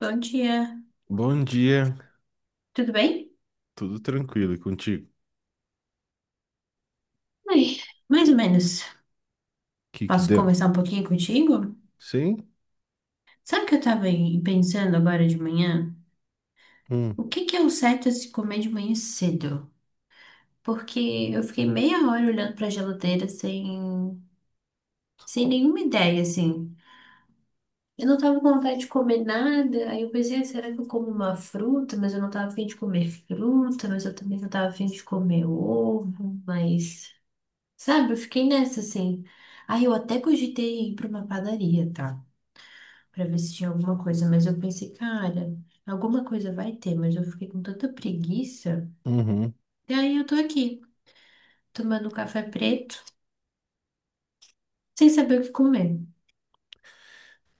Bom dia, Bom dia, tudo bem? tudo tranquilo e contigo? O Ai, mais ou menos. que que Posso deu? conversar um pouquinho contigo? Sim? Sabe o que eu tava pensando agora de manhã? Hum, O que que é o certo a se comer de manhã cedo? Porque eu fiquei meia hora olhando pra geladeira sem nenhuma ideia, assim. Eu não tava com vontade de comer nada, aí eu pensei, "Ah, será que eu como uma fruta? Mas eu não tava a de comer fruta, mas eu também não tava a de comer ovo, mas... Sabe, eu fiquei nessa assim. Aí eu até cogitei ir pra uma padaria, tá? Pra ver se tinha alguma coisa, mas eu pensei, cara, alguma coisa vai ter, mas eu fiquei com tanta preguiça. uhum. E aí eu tô aqui, tomando café preto, sem saber o que comer.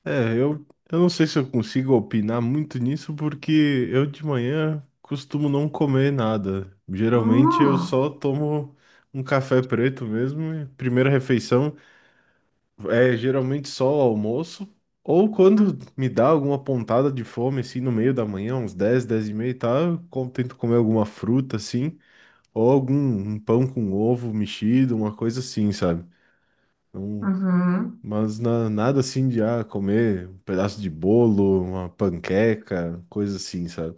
É, eu não sei se eu consigo opinar muito nisso porque eu de manhã costumo não comer nada. Geralmente eu Hum, só tomo um café preto mesmo, e primeira refeição é geralmente só o almoço. Ou quando me dá alguma pontada de fome, assim, no meio da manhã, uns 10, 10:30, tá? Eu tento comer alguma fruta, assim. Ou algum um pão com ovo mexido, uma coisa assim, sabe? Não, uhum, mas nada assim de comer um pedaço de bolo, uma panqueca, coisa assim, sabe?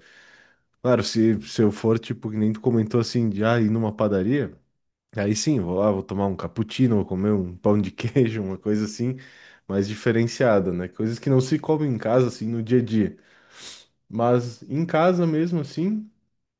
Claro, se eu for, tipo, que nem tu comentou assim, de ir numa padaria, aí sim, vou lá, vou tomar um cappuccino, vou comer um pão de queijo, uma coisa assim, mais diferenciada, né? Coisas que não se comem em casa, assim, no dia a dia. Mas em casa mesmo, assim.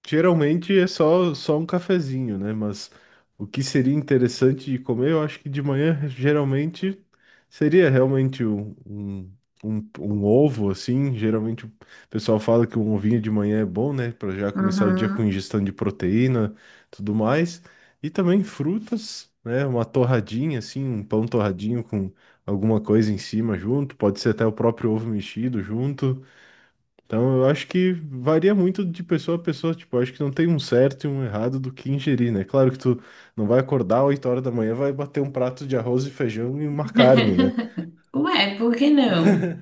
Geralmente é só um cafezinho, né? Mas o que seria interessante de comer, eu acho que de manhã geralmente seria realmente um ovo, assim. Geralmente o pessoal fala que um ovinho de manhã é bom, né? Para já começar o dia com uhum. ingestão de proteína, tudo mais. E também frutas, né? Uma torradinha, assim, um pão torradinho com alguma coisa em cima junto. Pode ser até o próprio ovo mexido junto. Então, eu acho que varia muito de pessoa a pessoa. Tipo, eu acho que não tem um certo e um errado do que ingerir, né? Claro que tu não vai acordar 8 horas da manhã, vai bater um prato de arroz e feijão e uma carne, né? Ué, por que não?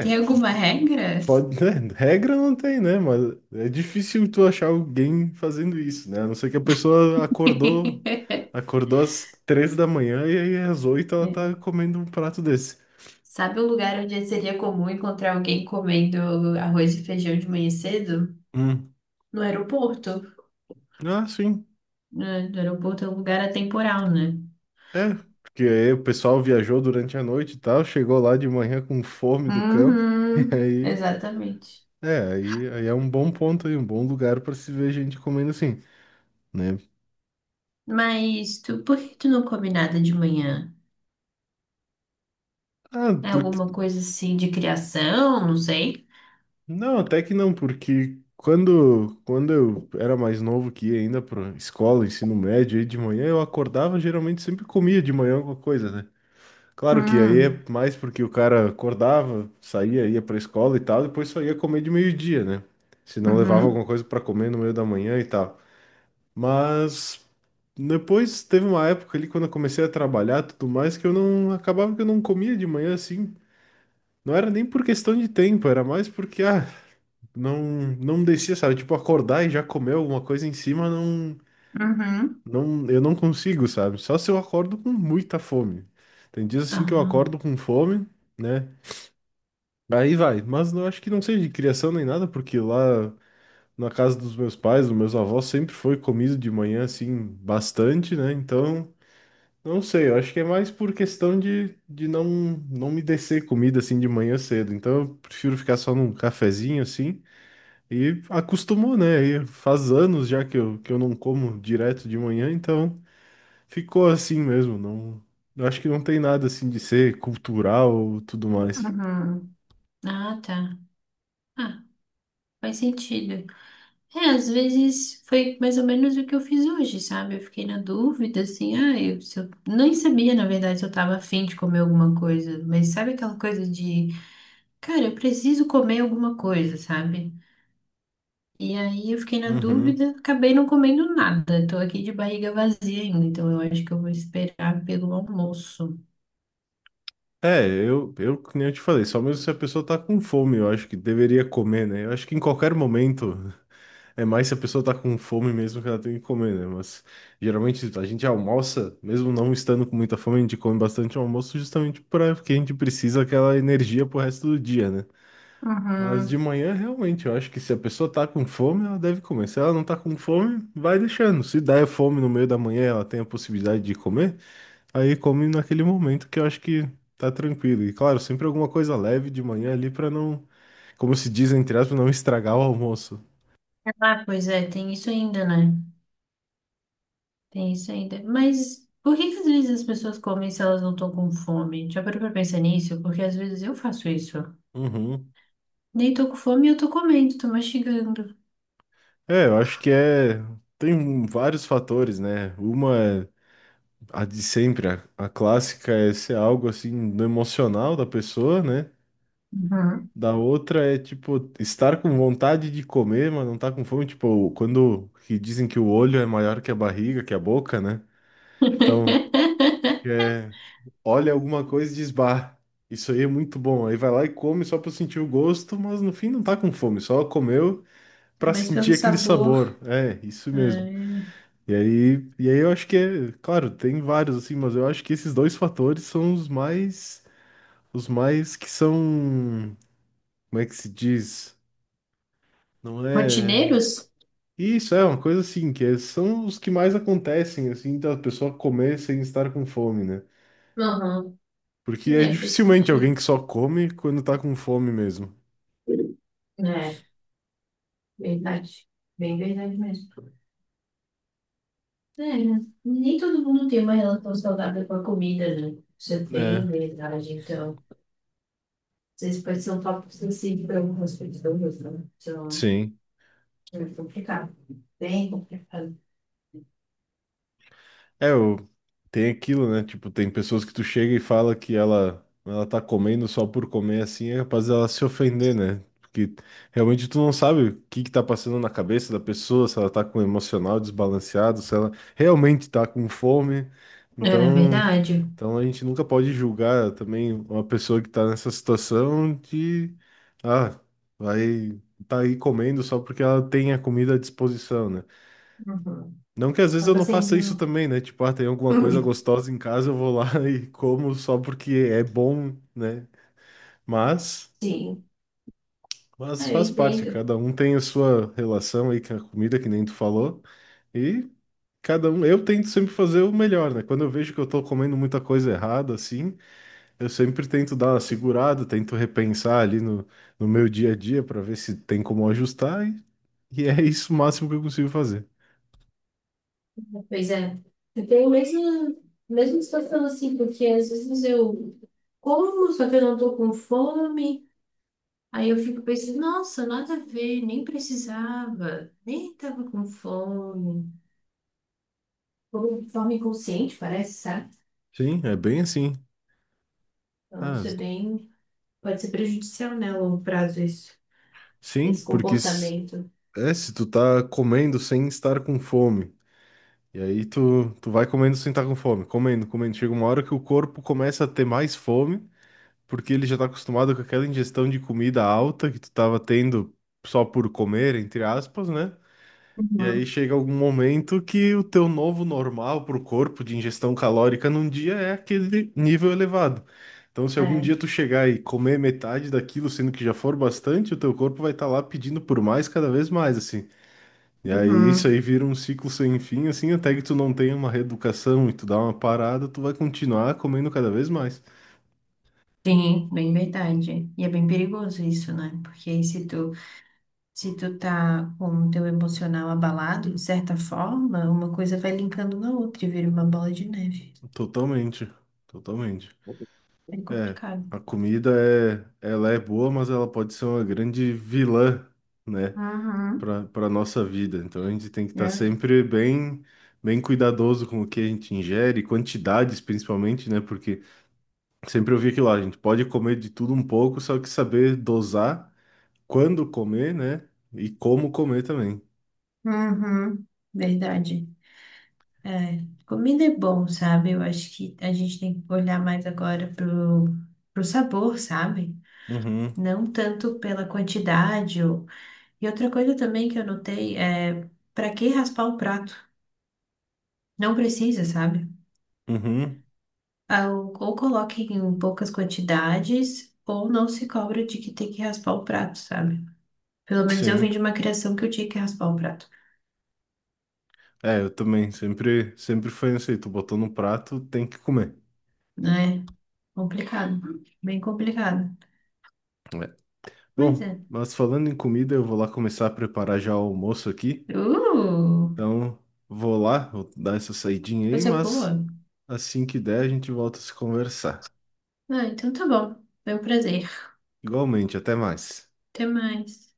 Tem alguma regra? pode, né? Regra não tem, né? Mas é difícil tu achar alguém fazendo isso, né? A não ser que a pessoa acordou, acordou às 3 da manhã e aí às 8 ela tá É. comendo um prato desse. Sabe um lugar onde seria comum encontrar alguém comendo arroz e feijão de manhã cedo? Hum. No aeroporto? Ah, sim. Né? No aeroporto é um lugar atemporal, né? É, porque aí o pessoal viajou durante a noite e tal, chegou lá de manhã com fome do campo, e Uhum, aí, exatamente. É um bom ponto aí, um bom lugar para se ver gente comendo assim, né? Mas tu, por que tu não come nada de manhã? Ah, É porque alguma coisa assim de criação? Não sei. não, até que não, porque quando eu era mais novo que ia ainda para escola, ensino médio, aí de manhã eu acordava, geralmente sempre comia de manhã alguma coisa, né? Claro que aí Hum, é mais porque o cara acordava, saía, ia pra escola e tal, depois só ia comer de meio-dia, né? Se não levava uhum, alguma coisa pra comer no meio da manhã e tal. Mas depois teve uma época ali quando eu comecei a trabalhar, e tudo mais que eu não acabava que eu não comia de manhã assim. Não era nem por questão de tempo, era mais porque não não descia, sabe? Tipo acordar e já comer alguma coisa em cima, não uhum, não eu não consigo, sabe? Só se eu acordo com muita fome. Tem dias assim que eu ah, acordo com fome, né? Aí vai, mas eu acho que não seja de criação nem nada, porque lá na casa dos meus pais, dos meus avós, sempre foi comido de manhã, assim, bastante, né? Então, não sei, eu acho que é mais por questão de não me descer comida, assim, de manhã cedo. Então, eu prefiro ficar só num cafezinho, assim, e acostumou, né? E faz anos já que que eu não como direto de manhã, então ficou assim mesmo. Não, eu acho que não tem nada, assim, de ser cultural ou tudo mais. uhum. Ah, tá. Ah, faz sentido. É, às vezes foi mais ou menos o que eu fiz hoje, sabe? Eu fiquei na dúvida, assim, ah, eu, se eu nem sabia, na verdade, se eu tava afim de comer alguma coisa. Mas sabe aquela coisa de cara, eu preciso comer alguma coisa, sabe? E aí eu fiquei na Uhum. dúvida, acabei não comendo nada. Tô aqui de barriga vazia ainda, então eu acho que eu vou esperar pelo almoço. É, eu, que nem eu te falei, só mesmo se a pessoa tá com fome, eu acho que deveria comer, né? Eu acho que em qualquer momento, é mais se a pessoa tá com fome mesmo que ela tem que comer, né? Mas geralmente a gente almoça, mesmo não estando com muita fome, a gente come bastante almoço justamente para que a gente precisa aquela energia pro resto do dia, né? Mas de Uhum. manhã, realmente, eu acho que se a pessoa tá com fome, ela deve comer. Se ela não tá com fome, vai deixando. Se der fome no meio da manhã, ela tem a possibilidade de comer. Aí come naquele momento que eu acho que tá tranquilo. E claro, sempre alguma coisa leve de manhã ali pra não, como se diz entre aspas, não estragar o almoço. Ah, pois é, tem isso ainda, né? Tem isso ainda. Mas por que que às vezes as pessoas comem se elas não estão com fome? Já parou pra pensar nisso? Porque às vezes eu faço isso. Uhum. Nem tô com fome e eu tô comendo, tô mastigando. É, eu acho que é. Tem vários fatores, né? Uma é a de sempre, a clássica é ser algo assim do emocional da pessoa, né? Uhum. Da outra é tipo estar com vontade de comer, mas não tá com fome. Tipo, quando que dizem que o olho é maior que a barriga, que a boca, né? Então, É, olha alguma coisa e diz, bah, isso aí é muito bom. Aí vai lá e come só pra sentir o gosto, mas no fim não tá com fome, só comeu pra Mas sentir pelo aquele sabor. sabor. É, isso mesmo. É, E aí, eu acho que é, claro, tem vários assim, mas eu acho que esses dois fatores são os mais, que são, como é que se diz? Não é. Rotineiros? Isso é uma coisa assim, são os que mais acontecem, assim, da pessoa comer sem estar com fome, né? Uhum. Porque é É, tô dificilmente alguém sentindo. que só come quando tá com fome mesmo. É, verdade. Bem verdade mesmo. É, né? Nem todo mundo tem uma relação saudável com a comida, né? Isso é É, bem verdade. Então, vocês podem ser um tópico sensível para algumas pessoas, né? Então, sim. é complicado. Bem complicado. É, o tem aquilo, né? Tipo, tem pessoas que tu chega e fala que ela tá comendo só por comer assim, é capaz dela se ofender, né? Porque realmente tu não sabe o que que tá passando na cabeça da pessoa, se ela tá com emocional desbalanceado, se ela realmente tá com fome. É Então, verdade. Então, a gente nunca pode julgar também uma pessoa que está nessa situação de, ah, vai tá aí comendo só porque ela tem a comida à disposição, né? Uhum. Não que às vezes eu Acaba não faça isso sendo. também, né? Tipo, tem alguma coisa gostosa em casa, eu vou lá e como só porque é bom, né? Mas, Sim, mas, ah, eu faz parte, entendo. cada um tem a sua relação aí com a comida, que nem tu falou. E cada um, eu tento sempre fazer o melhor, né? Quando eu vejo que eu tô comendo muita coisa errada, assim. Eu sempre tento dar uma segurada, tento repensar ali no meu dia a dia para ver se tem como ajustar, e é isso o máximo que eu consigo fazer. Pois é. Eu tenho a mesma situação assim, porque às vezes eu como, só que eu não tô com fome. Aí eu fico pensando, nossa, nada a ver, nem precisava, nem tava com fome. Como de forma inconsciente, parece, sabe? Sim, é bem assim. Então Ah, isso é pode ser prejudicial, né, a longo prazo, isso, sim, esse porque comportamento. Se tu tá comendo sem estar com fome, e aí tu vai comendo sem estar com fome, comendo, comendo. Chega uma hora que o corpo começa a ter mais fome, porque ele já tá acostumado com aquela ingestão de comida alta que tu tava tendo só por comer, entre aspas, né? E aí Uhum, chega algum momento que o teu novo normal para o corpo de ingestão calórica num dia é aquele nível elevado. Então, se algum é. dia tu chegar e comer metade daquilo, sendo que já for bastante, o teu corpo vai estar lá pedindo por mais cada vez mais, assim. E aí isso Uhum. aí vira um ciclo sem fim, assim, até que tu não tenha uma reeducação e tu dá uma parada, tu vai continuar comendo cada vez mais. Sim, bem verdade. E é bem perigoso isso, né? Porque aí se se tu tá com o teu emocional abalado, de certa forma, uma coisa vai linkando na outra e vira uma bola de neve. Totalmente, totalmente. É, bem É, complicado. a comida ela é boa, mas ela pode ser uma grande vilã, né? Uhum. Para nossa vida. Então a gente tem que estar sempre bem cuidadoso com o que a gente ingere, quantidades principalmente, né? Porque sempre eu vi aquilo lá, a gente pode comer de tudo um pouco, só que saber dosar quando comer, né? E como comer também. Uhum, verdade. É, comida é bom, sabe? Eu acho que a gente tem que olhar mais agora pro sabor, sabe? Uhum, Não tanto pela quantidade. Ou... E outra coisa também que eu notei é para que raspar o prato? Não precisa, sabe? uhum, Ah, ou coloque em poucas quantidades, ou não se cobra de que tem que raspar o prato, sabe? Pelo menos eu vim sim. de uma criação que eu tinha que raspar o prato, É, eu também, sempre foi isso aí, tu botou no prato, tem que comer. né? Complicado, bem complicado. É. Pois é. Bom, mas falando em comida, eu vou lá começar a preparar já o almoço aqui, Uh, então vou lá, vou dar essa saidinha aí, coisa mas boa. assim que der, a gente volta a se conversar. Ah, então tá bom. Foi um prazer. Igualmente, até mais. Até mais.